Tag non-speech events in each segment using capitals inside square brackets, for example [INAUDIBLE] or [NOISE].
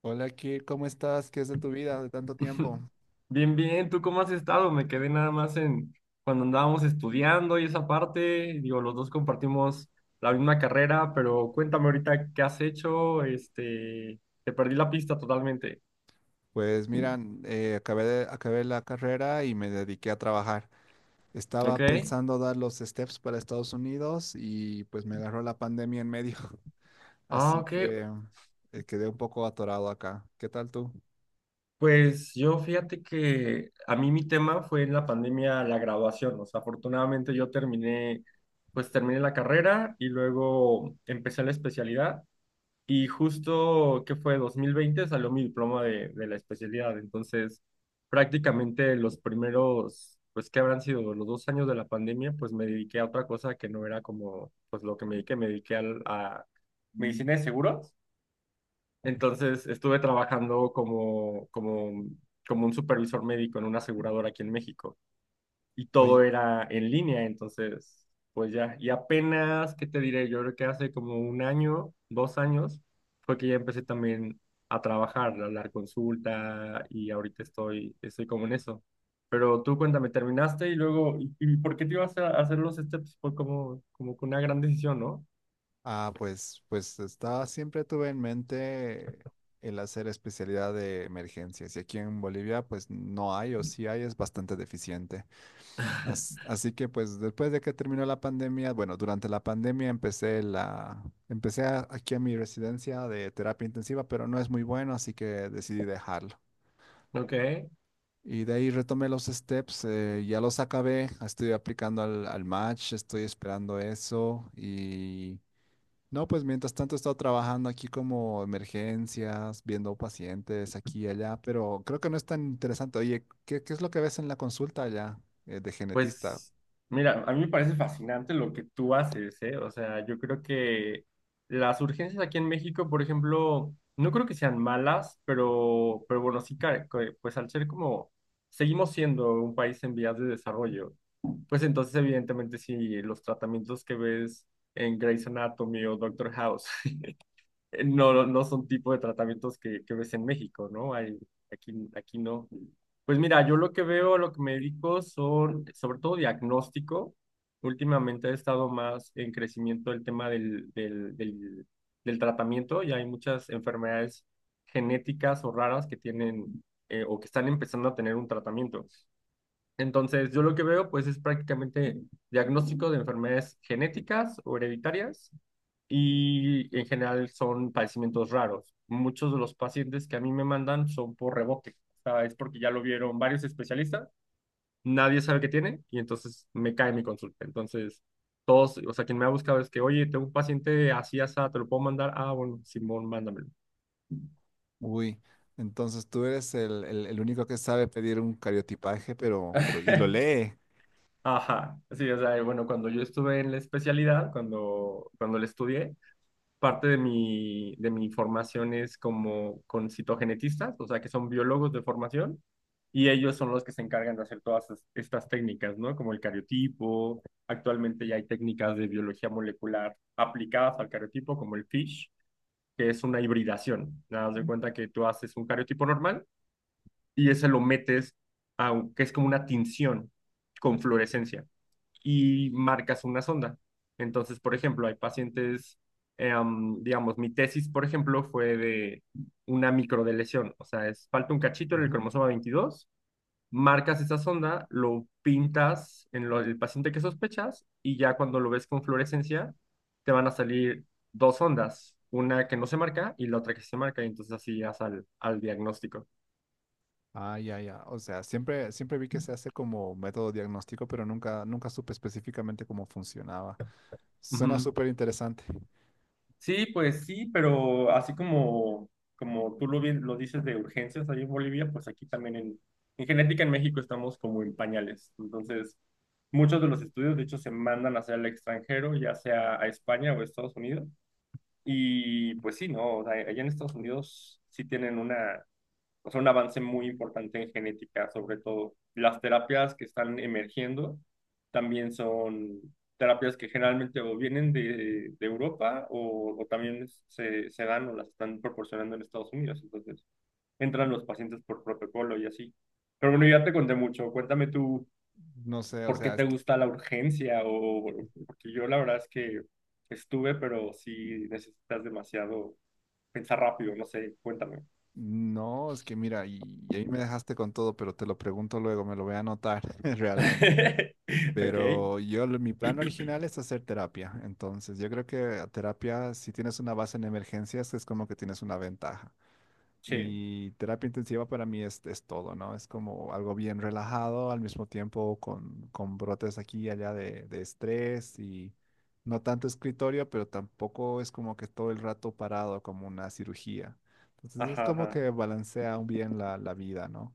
Hola, Kir, ¿cómo estás? ¿Qué es de tu vida de tanto tiempo? Bien, bien, ¿tú cómo has estado? Me quedé nada más en cuando andábamos estudiando y esa parte, digo, los dos compartimos la misma carrera, pero cuéntame ahorita qué has hecho, este, te perdí la pista totalmente, Pues mira, acabé la carrera y me dediqué a trabajar. Estaba ¿ok? pensando dar los steps para Estados Unidos y pues me agarró la pandemia en medio, [LAUGHS] Ah, así ok, que quedé un poco atorado acá. ¿Qué tal tú? pues yo fíjate que a mí mi tema fue en la pandemia la graduación, o sea, afortunadamente yo terminé, pues terminé la carrera y luego empecé la especialidad. Y justo, ¿qué fue? 2020 salió mi diploma de la especialidad. Entonces, prácticamente los primeros, pues, ¿que habrán sido? Los 2 años de la pandemia, pues me dediqué a otra cosa que no era como, pues, lo que me dediqué. Me dediqué a medicina de seguros. Entonces, estuve trabajando como un supervisor médico en una aseguradora aquí en México y todo Oye, era en línea, entonces, pues ya, y apenas, ¿qué te diré? Yo creo que hace como un año, 2 años, fue que ya empecé también a trabajar, a dar consulta y ahorita estoy, como en eso. Pero tú cuéntame, ¿terminaste y luego, y por qué te ibas a hacer los steps? Fue como que una gran decisión, ¿no? Pues, siempre tuve en mente el hacer especialidad de emergencias y aquí en Bolivia pues no hay o sí hay, es bastante deficiente. [LAUGHS] Así que pues después de que terminó la pandemia, bueno, durante la pandemia empecé la empecé a- aquí a mi residencia de terapia intensiva, pero no es muy bueno, así que decidí dejarlo. Ok. Y de ahí retomé los steps, ya los acabé, estoy aplicando al match, estoy esperando eso y no, pues mientras tanto he estado trabajando aquí como emergencias, viendo pacientes aquí y allá, pero creo que no es tan interesante. Oye, ¿qué es lo que ves en la consulta allá, de genetista? Pues mira, a mí me parece fascinante lo que tú haces, ¿eh? O sea, yo creo que las urgencias aquí en México, por ejemplo, no creo que sean malas, pero bueno, sí, pues al ser como, seguimos siendo un país en vías de desarrollo, pues entonces evidentemente sí, los tratamientos que ves en Grey's Anatomy o Doctor House. [LAUGHS] No, no son tipo de tratamientos que ves en México, ¿no? Hay, aquí no. Pues mira, yo lo que veo, lo que me dedico son sobre todo diagnóstico. Últimamente ha estado más en crecimiento el tema del tratamiento y hay muchas enfermedades genéticas o raras que tienen o que están empezando a tener un tratamiento. Entonces, yo lo que veo pues es prácticamente diagnóstico de enfermedades genéticas o hereditarias y en general son padecimientos raros. Muchos de los pacientes que a mí me mandan son por rebote, o sea, es porque ya lo vieron varios especialistas, nadie sabe qué tiene y entonces me cae mi consulta. Entonces, todos, o sea, quien me ha buscado es que, oye, tengo un paciente así, así, ¿te lo puedo mandar? Ah, bueno, Simón, mándamelo. Uy, entonces tú eres el único que sabe pedir un cariotipaje, pero, y lo [LAUGHS] lee. Ajá, sí, o sea, bueno, cuando yo estuve en la especialidad, cuando la estudié, parte de mi formación es como con citogenetistas, o sea, que son biólogos de formación, y ellos son los que se encargan de hacer todas estas técnicas, ¿no? Como el cariotipo, actualmente ya hay técnicas de biología molecular aplicadas al cariotipo, como el FISH, que es una hibridación. Nada, más de cuenta que tú haces un cariotipo normal y ese lo metes a, que es como una tinción con fluorescencia y marcas una sonda. Entonces, por ejemplo, hay pacientes, digamos, mi tesis, por ejemplo, fue de una microdeleción, o sea, es, falta un cachito en el Ujú. cromosoma 22. Marcas esa sonda, lo pintas en el paciente que sospechas y ya cuando lo ves con fluorescencia, te van a salir dos ondas, una que no se marca y la otra que sí se marca, y entonces así llegas al diagnóstico. Ah, ya, ya. O sea, siempre vi que se hace como método diagnóstico, pero nunca supe específicamente cómo funcionaba. Suena Ujú. súper interesante. Sí, pues sí, pero así como tú lo dices de urgencias ahí en Bolivia, pues aquí también en genética en México estamos como en pañales. Entonces, muchos de los estudios, de hecho, se mandan hacia el extranjero, ya sea a España o a Estados Unidos. Y pues sí, ¿no? O sea, allá en Estados Unidos sí tienen una, o sea, un avance muy importante en genética, sobre todo. Las terapias que están emergiendo también son terapias que generalmente o vienen de Europa o también se dan o las están proporcionando en Estados Unidos. Entonces, entran los pacientes por protocolo y así. Pero bueno, ya te conté mucho. Cuéntame tú No sé, o por qué sea, es te que, gusta la urgencia o bueno, porque yo la verdad es que estuve, pero sí necesitas demasiado pensar rápido, no sé, cuéntame. no, es que mira, y ahí me dejaste con todo, pero te lo pregunto luego, me lo voy a anotar [LAUGHS] realmente. [LAUGHS] Ok, Pero yo, mi plan original es hacer terapia. Entonces, yo creo que a terapia, si tienes una base en emergencias, es como que tienes una ventaja. sí. Y terapia intensiva para mí es todo, ¿no? Es como algo bien relajado, al mismo tiempo con brotes aquí y allá de estrés y no tanto escritorio, pero tampoco es como que todo el rato parado como una cirugía. Entonces, es Ajá, como ajá. que balancea bien la vida, ¿no?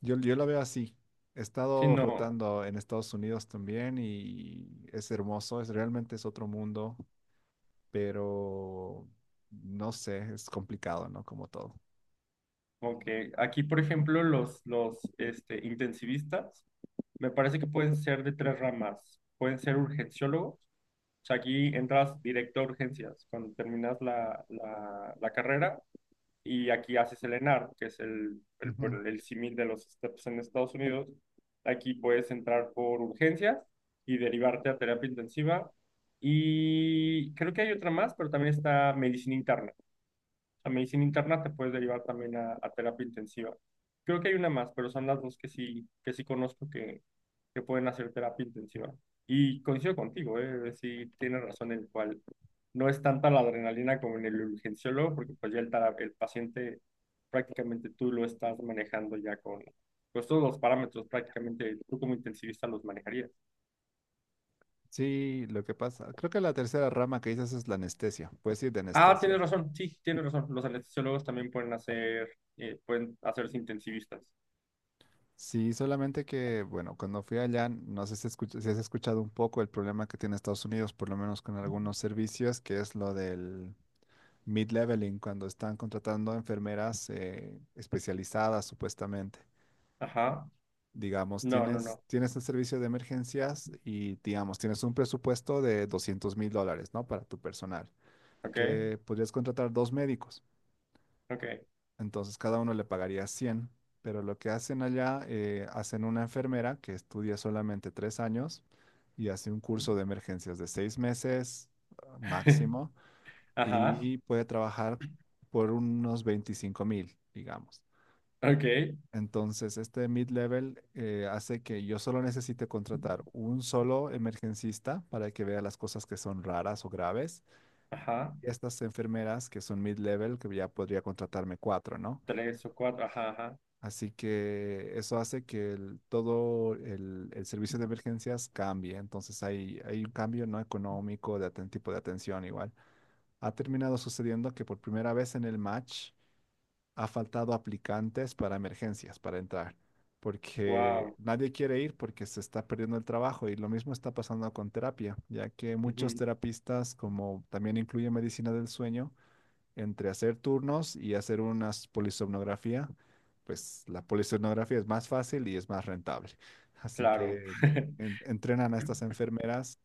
Yo la veo así. He Sí, estado no, rotando en Estados Unidos también y es hermoso, es realmente es otro mundo, pero no sé, es complicado, ¿no? Como todo. como que aquí, por ejemplo, los este, intensivistas, me parece que pueden ser de tres ramas. Pueden ser urgenciólogos, o sea, aquí entras directo a urgencias cuando terminas la carrera y aquí haces el ENAR, que es Ujú. por el símil de los STEPS en Estados Unidos. Aquí puedes entrar por urgencias y derivarte a terapia intensiva. Y creo que hay otra más, pero también está medicina interna. Sea, medicina interna te puedes derivar también a, terapia intensiva. Creo que hay una más, pero son las dos que sí conozco que pueden hacer terapia intensiva. Y coincido contigo, ¿eh? Sí, tienes razón en el cual no es tanta la adrenalina como en el urgenciólogo, porque pues ya el paciente prácticamente tú lo estás manejando ya con pues todos los parámetros prácticamente tú como intensivista los manejarías. Sí, lo que pasa, creo que la tercera rama que dices es la anestesia, puedes ir de Ah, tienes anestesia. razón, sí, tienes razón. Los anestesiólogos también pueden hacerse intensivistas. Sí, solamente que, bueno, cuando fui allá, no sé si has escuchado un poco el problema que tiene Estados Unidos, por lo menos con algunos servicios, que es lo del mid-leveling, cuando están contratando enfermeras especializadas, supuestamente. Ajá. Digamos, No, no, tienes, no. tienes el servicio de emergencias y, digamos, tienes un presupuesto de $200.000, ¿no? Para tu personal, Ok, que podrías contratar dos médicos. ok. Entonces, cada uno le pagaría 100, pero lo que hacen allá, hacen una enfermera que estudia solamente 3 años y hace un curso de emergencias de 6 meses [LAUGHS] máximo, Ajá, y puede trabajar por unos 25.000, digamos. ok, Entonces, este mid-level hace que yo solo necesite contratar un solo emergencista para que vea las cosas que son raras o graves. ajá. Y estas enfermeras que son mid-level, que ya podría contratarme cuatro, ¿no? Tres o cuatro, ajá, ajá. Así que eso hace que todo el servicio de emergencias cambie. Entonces hay un cambio no económico de tipo de atención igual. Ha terminado sucediendo que por primera vez en el match ha faltado aplicantes para emergencias, para entrar, porque Wow. nadie quiere ir porque se está perdiendo el trabajo y lo mismo está pasando con terapia, ya que muchos Ujú, terapistas, como también incluye medicina del sueño, entre hacer turnos y hacer una polisomnografía, pues la polisomnografía es más fácil y es más rentable. Así claro. que [LAUGHS] entrenan a estas enfermeras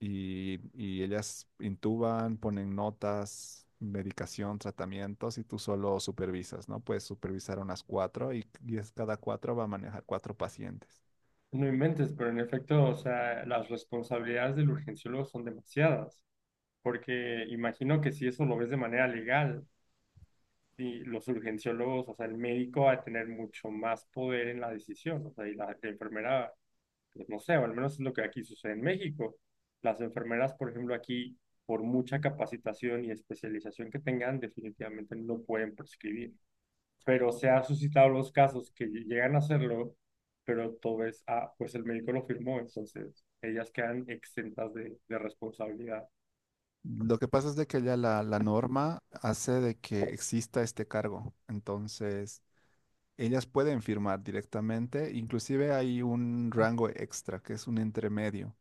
y ellas intuban, ponen notas, medicación, tratamientos y tú solo supervisas, ¿no? Puedes supervisar unas cuatro y es cada cuatro va a manejar cuatro pacientes. No inventes, pero en efecto, o sea, las responsabilidades del urgenciólogo son demasiadas, porque imagino que si eso lo ves de manera legal, y los urgenciólogos, o sea, el médico va a tener mucho más poder en la decisión, o sea, y la enfermera pues no sé, o al menos es lo que aquí sucede en México. Las enfermeras, por ejemplo, aquí, por mucha capacitación y especialización que tengan, definitivamente no pueden prescribir. Pero se han suscitado los casos que llegan a hacerlo, pero todo es, ah, pues el médico lo firmó, entonces ellas quedan exentas de responsabilidad. Lo que pasa es de que ya la norma hace de que exista este cargo. Entonces, ellas pueden firmar directamente. Inclusive hay un rango extra, que es un intermedio,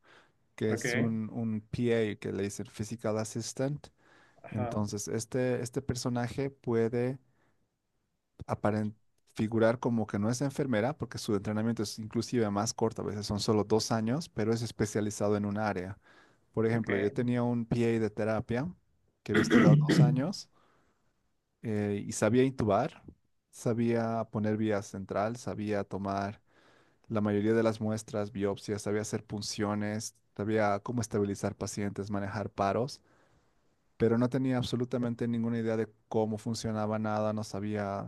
que Ok, es un PA, que le dicen Physical Assistant. ajá, Entonces, este personaje puede aparent figurar como que no es enfermera, porque su entrenamiento es inclusive más corto, a veces son solo 2 años, pero es especializado en un área. Por ok. ejemplo, yo tenía un PA de terapia que había estudiado dos [CLEARS THROAT] años y sabía intubar, sabía poner vía central, sabía tomar la mayoría de las muestras, biopsias, sabía hacer punciones, sabía cómo estabilizar pacientes, manejar paros, pero no tenía absolutamente ninguna idea de cómo funcionaba nada, no sabía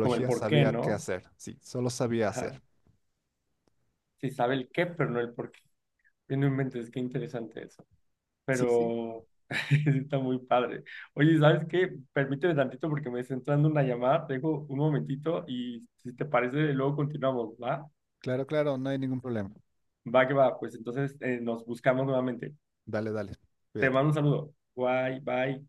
Como el por qué, sabía qué ¿no? hacer, sí, solo sabía hacer. Ajá. Sí sabe el qué, pero no el por qué. No inventes, qué interesante eso. Sí, sí, Pero [LAUGHS] está muy padre. Oye, ¿sabes qué? Permíteme tantito porque me está entrando una llamada, te dejo un momentito y si te parece, luego continuamos, ¿va? claro, claro, no hay ningún problema. Va que va, pues entonces nos buscamos nuevamente. Dale, dale, Te cuídate. mando un saludo. Bye, bye.